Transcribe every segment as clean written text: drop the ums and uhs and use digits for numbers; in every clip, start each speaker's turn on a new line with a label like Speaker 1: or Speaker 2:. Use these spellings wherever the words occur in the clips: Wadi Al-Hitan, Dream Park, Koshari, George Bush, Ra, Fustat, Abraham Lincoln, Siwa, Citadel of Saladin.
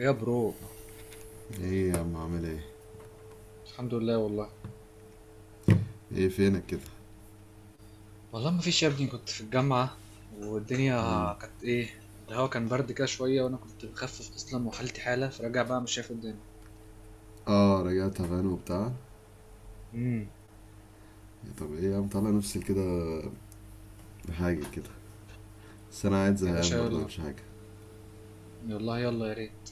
Speaker 1: يا برو، الحمد لله والله.
Speaker 2: ايه فينك كده.
Speaker 1: والله ما فيش يا ابني، كنت في الجامعة والدنيا
Speaker 2: مم.
Speaker 1: كانت ايه، الهوا كان برد كده شوية وانا كنت بخفف اصلا وحالتي حالة، فراجع بقى مش شايف الدنيا.
Speaker 2: اه رجعت تعبان وبتاع.
Speaker 1: امم.
Speaker 2: طب ايه يا عم، طلع نفسي كده بحاجة كده، بس انا قاعد
Speaker 1: يا باشا
Speaker 2: زهقان برضه،
Speaker 1: يلا،
Speaker 2: مش حاجة.
Speaker 1: والله يلا يا ريت.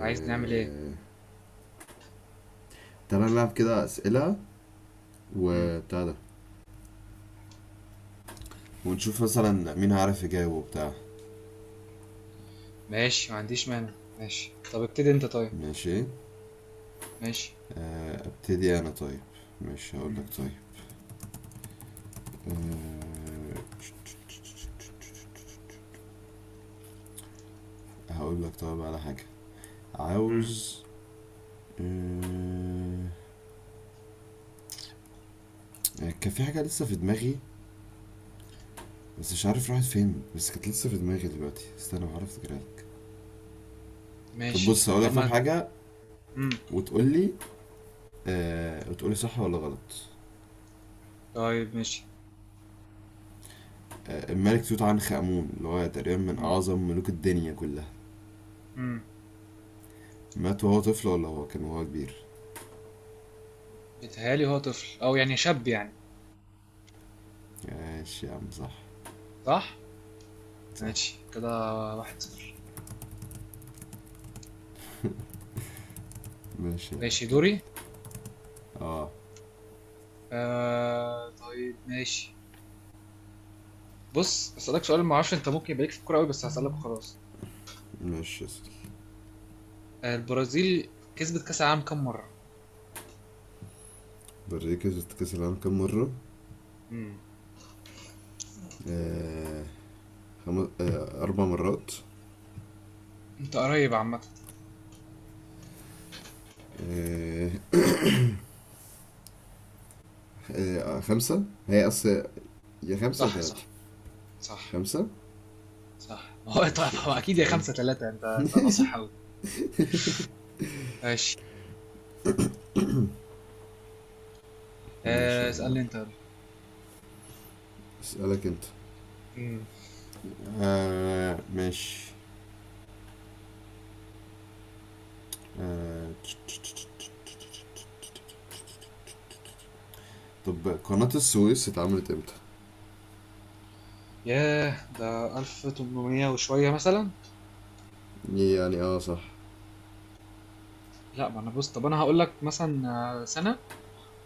Speaker 1: عايز نعمل ايه؟
Speaker 2: تعالى نلعب كده اسئلة
Speaker 1: امم.
Speaker 2: وبتاع ده، ونشوف مثلا مين هيعرف يجاوب وبتاع.
Speaker 1: ماشي ما عنديش مانع، ماشي طب ابتدي انت. طيب
Speaker 2: ماشي.
Speaker 1: ماشي.
Speaker 2: ابتدي انا طيب. مش هقول لك
Speaker 1: امم.
Speaker 2: طيب. آه... هقول لك طيب على حاجة
Speaker 1: امم.
Speaker 2: عاوز. آه... كان في حاجة لسه في دماغي، بس مش عارف راحت فين، بس كانت لسه في دماغي دلوقتي، استنى بحاول افتكرها لك. طب
Speaker 1: ماشي
Speaker 2: بص، هقول
Speaker 1: طب
Speaker 2: لك طب
Speaker 1: ما.
Speaker 2: حاجه
Speaker 1: امم.
Speaker 2: وتقول لي، آه وتقول لي صح ولا غلط.
Speaker 1: طيب ماشي.
Speaker 2: آه، الملك توت عنخ امون، اللي هو تقريبا من
Speaker 1: امم.
Speaker 2: اعظم ملوك الدنيا كلها،
Speaker 1: امم.
Speaker 2: مات وهو طفل ولا هو كان وهو كبير؟
Speaker 1: بيتهيألي هو طفل او يعني شاب يعني.
Speaker 2: ماشي يا عم، صح.
Speaker 1: صح.
Speaker 2: صح.
Speaker 1: ماشي كده، واحد صفر.
Speaker 2: ماشي يا عم
Speaker 1: ماشي
Speaker 2: كمل.
Speaker 1: دوري.
Speaker 2: اه.
Speaker 1: آه طيب ماشي. بص اسالك سؤال، ما اعرفش انت ممكن يبقى ليك في الكوره قوي بس هسالك وخلاص.
Speaker 2: ماشي يا سيدي.
Speaker 1: آه، البرازيل كسبت كاس العالم كام مره؟
Speaker 2: برازيل كسبت كاس العالم كام مره؟
Speaker 1: امم.
Speaker 2: آه، اربع مرات.
Speaker 1: انت قريب عامه.
Speaker 2: آه. آه، خمسه هي اصل. يا خمسه يا
Speaker 1: صح
Speaker 2: تلاته.
Speaker 1: صح. صح.
Speaker 2: خمسه.
Speaker 1: صح. ما هو طبعا
Speaker 2: ماشي،
Speaker 1: هو اكيد
Speaker 2: شفت
Speaker 1: يا
Speaker 2: بقى.
Speaker 1: خمسة ثلاثة، انت ناصح قوي. ماشي.
Speaker 2: ماشي
Speaker 1: آه
Speaker 2: يا عم
Speaker 1: اسالني انت
Speaker 2: يلا،
Speaker 1: يلا.
Speaker 2: اسألك انت.
Speaker 1: امم.
Speaker 2: آه ماشي. آه، طب قناة السويس اتعملت امتى؟
Speaker 1: ياه، ده 1800 وشويه مثلا.
Speaker 2: يعني اه، صح.
Speaker 1: لا، ما انا بص، طب انا هقول لك مثلا. آه، سنه.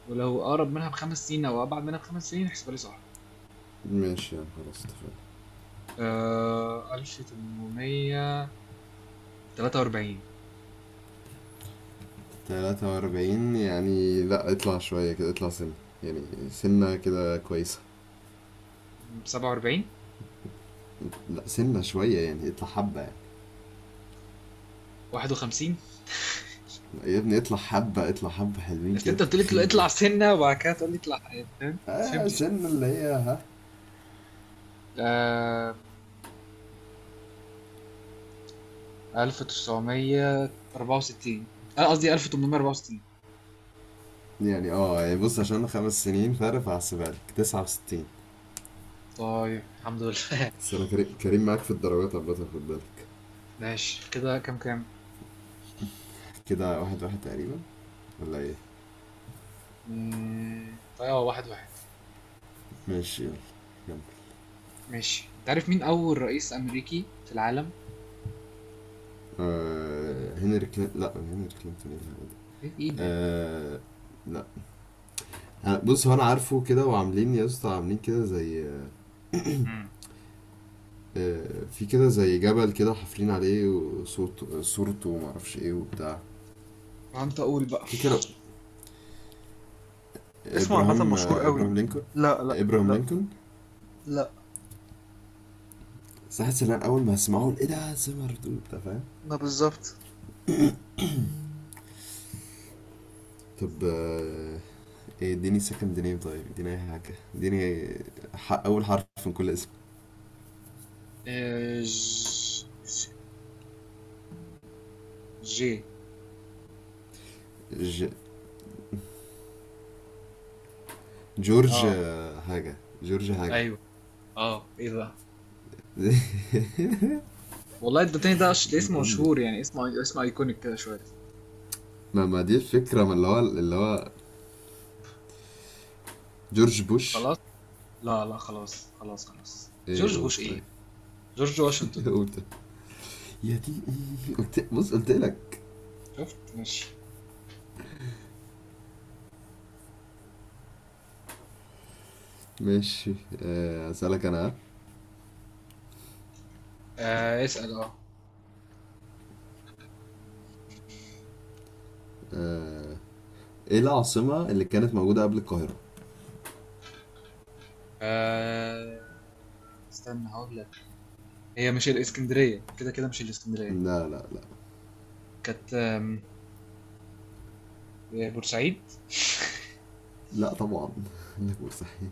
Speaker 1: ولو اقرب منها بخمس سنين او ابعد منها بخمس سنين احسبها لي صح.
Speaker 2: ماشي يا عم، خلاص اتفقنا.
Speaker 1: آه، 1843.
Speaker 2: تلاتة وأربعين؟ يعني لا، اطلع شوية كده، اطلع سنة، يعني سنة كده كويسة.
Speaker 1: 47.
Speaker 2: لا، سنة شوية يعني، اطلع حبة يعني.
Speaker 1: 51.
Speaker 2: لا يا ابني، اطلع حبة، اطلع حبة حلوين
Speaker 1: بس
Speaker 2: كده،
Speaker 1: انت
Speaker 2: انت
Speaker 1: قلت لي
Speaker 2: بخيل ليه؟
Speaker 1: اطلع سنه وبعد كده تقول لي اطلع حياه، فاهم؟ ما
Speaker 2: اه
Speaker 1: فهمتش.
Speaker 2: سنة اللي هي ها.
Speaker 1: آم، 1964. انا قصدي 1864.
Speaker 2: يعني اه، يعني بص، عشان خمس سنين فرق، فهحسبها لك تسعة وستين.
Speaker 1: طيب الحمد لله.
Speaker 2: بس انا كريم معاك في الدرجات عامة، خد بالك.
Speaker 1: ماشي كده كام كام؟
Speaker 2: كده واحد واحد تقريبا، ولا ايه؟
Speaker 1: مم، طيب اه، واحد واحد.
Speaker 2: ماشي يلا. يلا.
Speaker 1: ماشي. انت عارف مين اول رئيس امريكي في العالم؟
Speaker 2: آه، هنري كلينتون. لا هنري كلينتون، ايه الهبل ده؟
Speaker 1: ايه؟ إيه ده؟
Speaker 2: آه. لا. بص، هو انا عارفه كده، وعاملين يا اسطى عاملين كده زي،
Speaker 1: امم.
Speaker 2: آه، في كده زي جبل كده، حافرين عليه وصوت صورته ومعرفش ايه وبتاع.
Speaker 1: ما انت اقول بقى.
Speaker 2: في كده.
Speaker 1: اسمه عامة
Speaker 2: ابراهام،
Speaker 1: مشهور
Speaker 2: آه،
Speaker 1: قوي.
Speaker 2: ابراهام لينكولن.
Speaker 1: لا لا
Speaker 2: ابراهام
Speaker 1: لا.
Speaker 2: لينكولن.
Speaker 1: لا.
Speaker 2: بس حاسس ان انا اول ما اسمعه ايه ده سمر دول، انت فاهم.
Speaker 1: لا بالظبط.
Speaker 2: طب آه، إيه، اديني سكند نيم طيب، اديني اي حاجة، اديني اول حرف من كل اسم.
Speaker 1: آه، ج... جي.
Speaker 2: ج... جورج،
Speaker 1: اه.
Speaker 2: آه، حاجة جورج حاجة.
Speaker 1: أيوه. آه، إيه بقى؟ والله الدونتيني ده
Speaker 2: اديني
Speaker 1: اسم
Speaker 2: ام دي.
Speaker 1: مشهور يعني، اسم اسم أيكونيك كده شوية.
Speaker 2: ما دي الفكرة، ما اللي هو جورج بوش.
Speaker 1: خلاص؟ لا لا، خلاص خلاص خلاص،
Speaker 2: ايه،
Speaker 1: جورج
Speaker 2: قول
Speaker 1: بوش إيه؟
Speaker 2: طيب.
Speaker 1: جورج واشنطن.
Speaker 2: قول طيب. يا دي أمي، قلت بص قلت لك.
Speaker 1: شفت؟ ماشي.
Speaker 2: ماشي. آه، اسألك انا.
Speaker 1: آه اسأل آه.
Speaker 2: آه، ايه العاصمة اللي كانت موجودة قبل القاهرة؟
Speaker 1: استنى هقول لك. هي مش الإسكندرية، كده كده مش الإسكندرية.
Speaker 2: لا لا لا.
Speaker 1: كانت إيه، بورسعيد.
Speaker 2: لا طبعا. لا، مستحيل.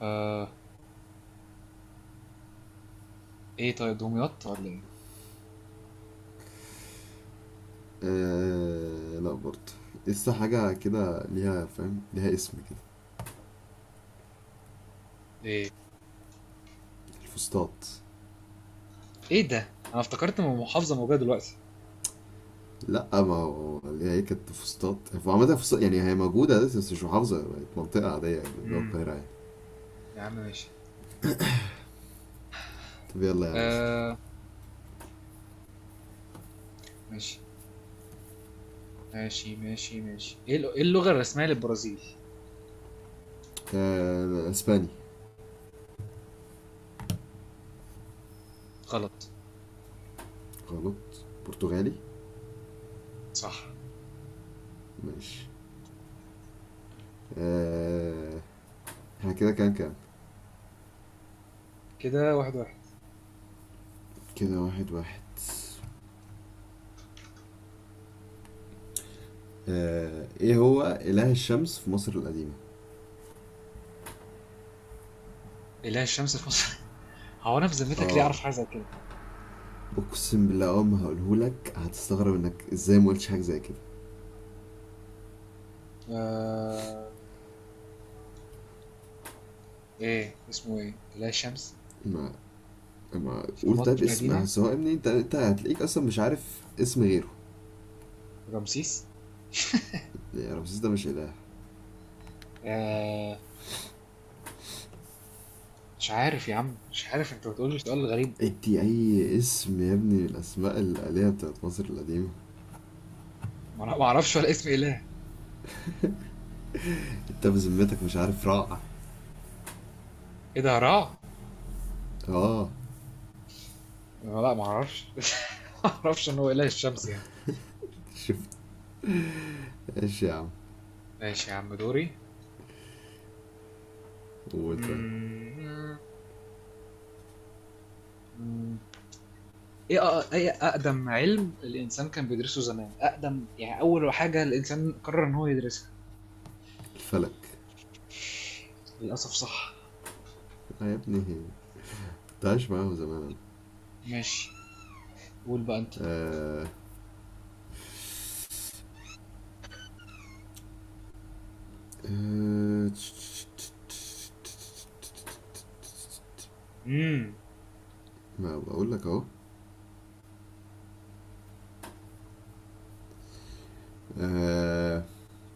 Speaker 1: آه. إيه طيب، دمياط ولا إيه؟
Speaker 2: آه، لا برضه. لسه حاجة كده ليها، فاهم ليها اسم كده.
Speaker 1: إيه.
Speaker 2: فسطاط.
Speaker 1: إيه ده؟ أنا افتكرت من محافظة موجودة دلوقتي.
Speaker 2: لا، ما هو اللي هي كانت فسطاط، هو عامة فسطاط يعني هي موجودة دلوقتي، بس مش محافظة، بقت منطقة عادية يعني جوه
Speaker 1: امم.
Speaker 2: القاهرة يعني.
Speaker 1: يا عم ماشي.
Speaker 2: طب يلا يا عم اسأل.
Speaker 1: آه. ماشي ماشي ماشي ماشي، إيه اللغة الرسمية للبرازيل؟
Speaker 2: آه، اسباني.
Speaker 1: غلط.
Speaker 2: غلط. برتغالي.
Speaker 1: صح.
Speaker 2: ماشي. آه، احنا كده كام كام؟
Speaker 1: كده واحد واحد.
Speaker 2: كده واحد واحد. آه، ايه هو اله الشمس في مصر القديمة؟
Speaker 1: إله الشمس في مصر؟ هو أنا في ذمتك ليه
Speaker 2: اه.
Speaker 1: أعرف حاجة زي كده؟
Speaker 2: اقسم بالله اول ما هقولهولك هتستغرب انك ازاي ما قلتش حاجة زي كده.
Speaker 1: آه... إيه اسمه إيه؟ إله الشمس
Speaker 2: ما ما
Speaker 1: في
Speaker 2: قول
Speaker 1: مصر
Speaker 2: طيب اسم
Speaker 1: القديمة؟
Speaker 2: سواء، ابني انت انت هتلاقيك اصلا مش عارف اسم غيره.
Speaker 1: رمسيس؟
Speaker 2: ليه رمسيس ده مش إله؟
Speaker 1: آه... مش عارف يا عم، مش عارف، أنت بتقول لي سؤال غريب.
Speaker 2: ادي أي اسم يا ابني من الأسماء الآلهة بتاعت مصر القديمة.
Speaker 1: ما أنا ما أعرفش ولا اسم إله.
Speaker 2: أنت بذمتك مش عارف رع؟
Speaker 1: إيه ده؟ هراع؟
Speaker 2: آه.
Speaker 1: لا، ما أعرفش. ما أعرفش إن هو إله الشمس يعني.
Speaker 2: شفت. إيش يا عم.
Speaker 1: ماشي يا عم، دوري.
Speaker 2: قول طيب.
Speaker 1: ايه اقدم علم الانسان كان بيدرسه زمان، اقدم يعني اول حاجه الانسان قرر ان هو يدرسها؟
Speaker 2: الفلك.
Speaker 1: للاسف صح.
Speaker 2: آه يا ابني، كنت عايش معاهم زمان أنا.
Speaker 1: ماشي. قول بقى انت.
Speaker 2: آه. آه تش-
Speaker 1: امم.
Speaker 2: ما بقول لك أهو. آه.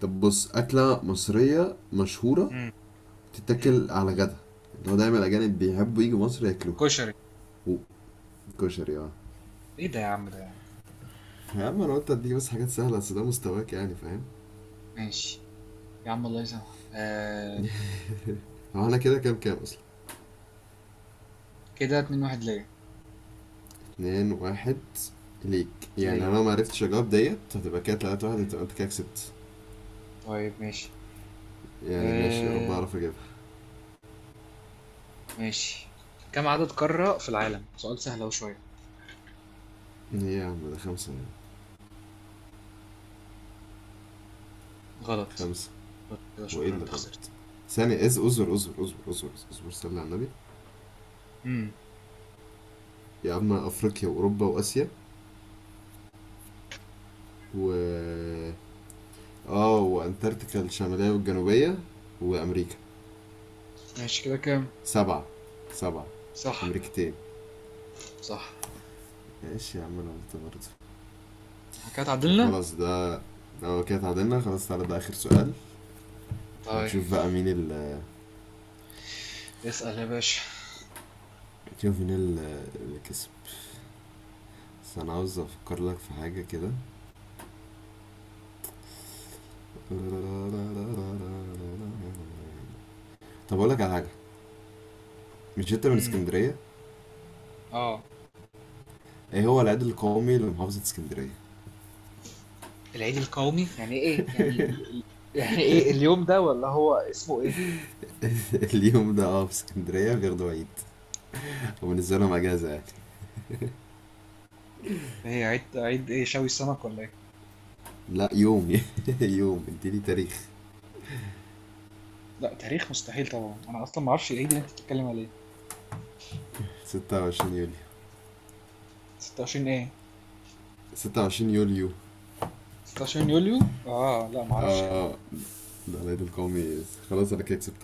Speaker 2: طب بص، أكلة مصرية مشهورة
Speaker 1: امم. امم.
Speaker 2: تتاكل على غدا، اللي هو دايما الأجانب بيحبوا يجوا مصر ياكلوها.
Speaker 1: كشري.
Speaker 2: و- كشري، اه.
Speaker 1: ايه ده يا عم، ده يعني.
Speaker 2: يا عم انا قلت اديك بس حاجات سهله، اصل ده مستواك، يعني فاهم.
Speaker 1: ماشي يا عم، الله يسامحك. آه.
Speaker 2: هو انا كده كام كام اصلا؟
Speaker 1: كده اتنين واحد ليا.
Speaker 2: اتنين واحد ليك. يعني انا
Speaker 1: ليا.
Speaker 2: لو ما عرفتش اجاوب ديت، هتبقى كده تلاتة واحد،
Speaker 1: امم.
Speaker 2: هتبقى انت كده كسبت.
Speaker 1: طيب ماشي.
Speaker 2: يعني ماشي، يا رب
Speaker 1: آه.
Speaker 2: اعرف اجيبها.
Speaker 1: ماشي. كم عدد قارة في العالم؟ سؤال سهل اهو شويه.
Speaker 2: ايه يا عم، ده خمسة يعني.
Speaker 1: غلط.
Speaker 2: خمسة.
Speaker 1: غلط كده،
Speaker 2: هو ايه
Speaker 1: شكرا،
Speaker 2: اللي
Speaker 1: انت خسرت.
Speaker 2: غلط؟ ثانية از، اصبر اصبر اصبر اصبر اصبر، صلي على النبي.
Speaker 1: امم.
Speaker 2: يا عم افريقيا واوروبا واسيا و، اه، وانتاركتيكا، الشمالية والجنوبية، وامريكا.
Speaker 1: ماشي كده كام؟
Speaker 2: سبعة. سبعة.
Speaker 1: صح.
Speaker 2: امريكتين.
Speaker 1: صح.
Speaker 2: ماشي يا عم، انا قلت برضه.
Speaker 1: كده
Speaker 2: طب
Speaker 1: اتعدلنا.
Speaker 2: خلاص ده، هو كده اتعادلنا خلاص، تعالى ده اخر سؤال،
Speaker 1: طيب
Speaker 2: ونشوف بقى مين ال،
Speaker 1: اسأل يا باشا.
Speaker 2: نشوف اللي كسب. بس انا عاوز افكر لك في حاجه كده. طب اقول لك على حاجه، مش انت من
Speaker 1: امم.
Speaker 2: اسكندريه؟
Speaker 1: اه.
Speaker 2: ايه هو العيد القومي لمحافظه اسكندريه؟
Speaker 1: العيد القومي يعني ايه يعني؟ يعني ايه اليوم ده، ولا هو اسمه ايه؟
Speaker 2: اليوم ده اه، في اسكندريه بياخدوا عيد، وبالنسبه لهم اجازه يعني.
Speaker 1: ايه عيد؟ عيد ايه، شوي السمك ولا ايه؟
Speaker 2: لا يوم. يوم، اديني تاريخ.
Speaker 1: لا تاريخ مستحيل طبعا، انا اصلا ما اعرفش العيد اللي انت بتتكلم عليه.
Speaker 2: 26 يوليو.
Speaker 1: 26 ايه؟
Speaker 2: 26 يوليو
Speaker 1: 26 يوليو؟ اه لا، ما اعرفش يا عم.
Speaker 2: اه، ده العيد القومي، خلاص انا كده كسبت.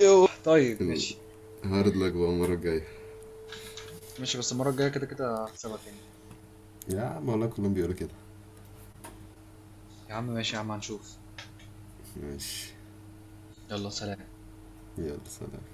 Speaker 1: يوه. طيب ماشي.
Speaker 2: هارد لك بقى المره الجايه.
Speaker 1: ماشي، بس المرة الجاية كده كده هكسبك يعني.
Speaker 2: يا عم والله كلهم بيقولوا كده.
Speaker 1: يا عم ماشي يا عم، هنشوف.
Speaker 2: ماشي.
Speaker 1: يلا سلام.
Speaker 2: يلا سلام.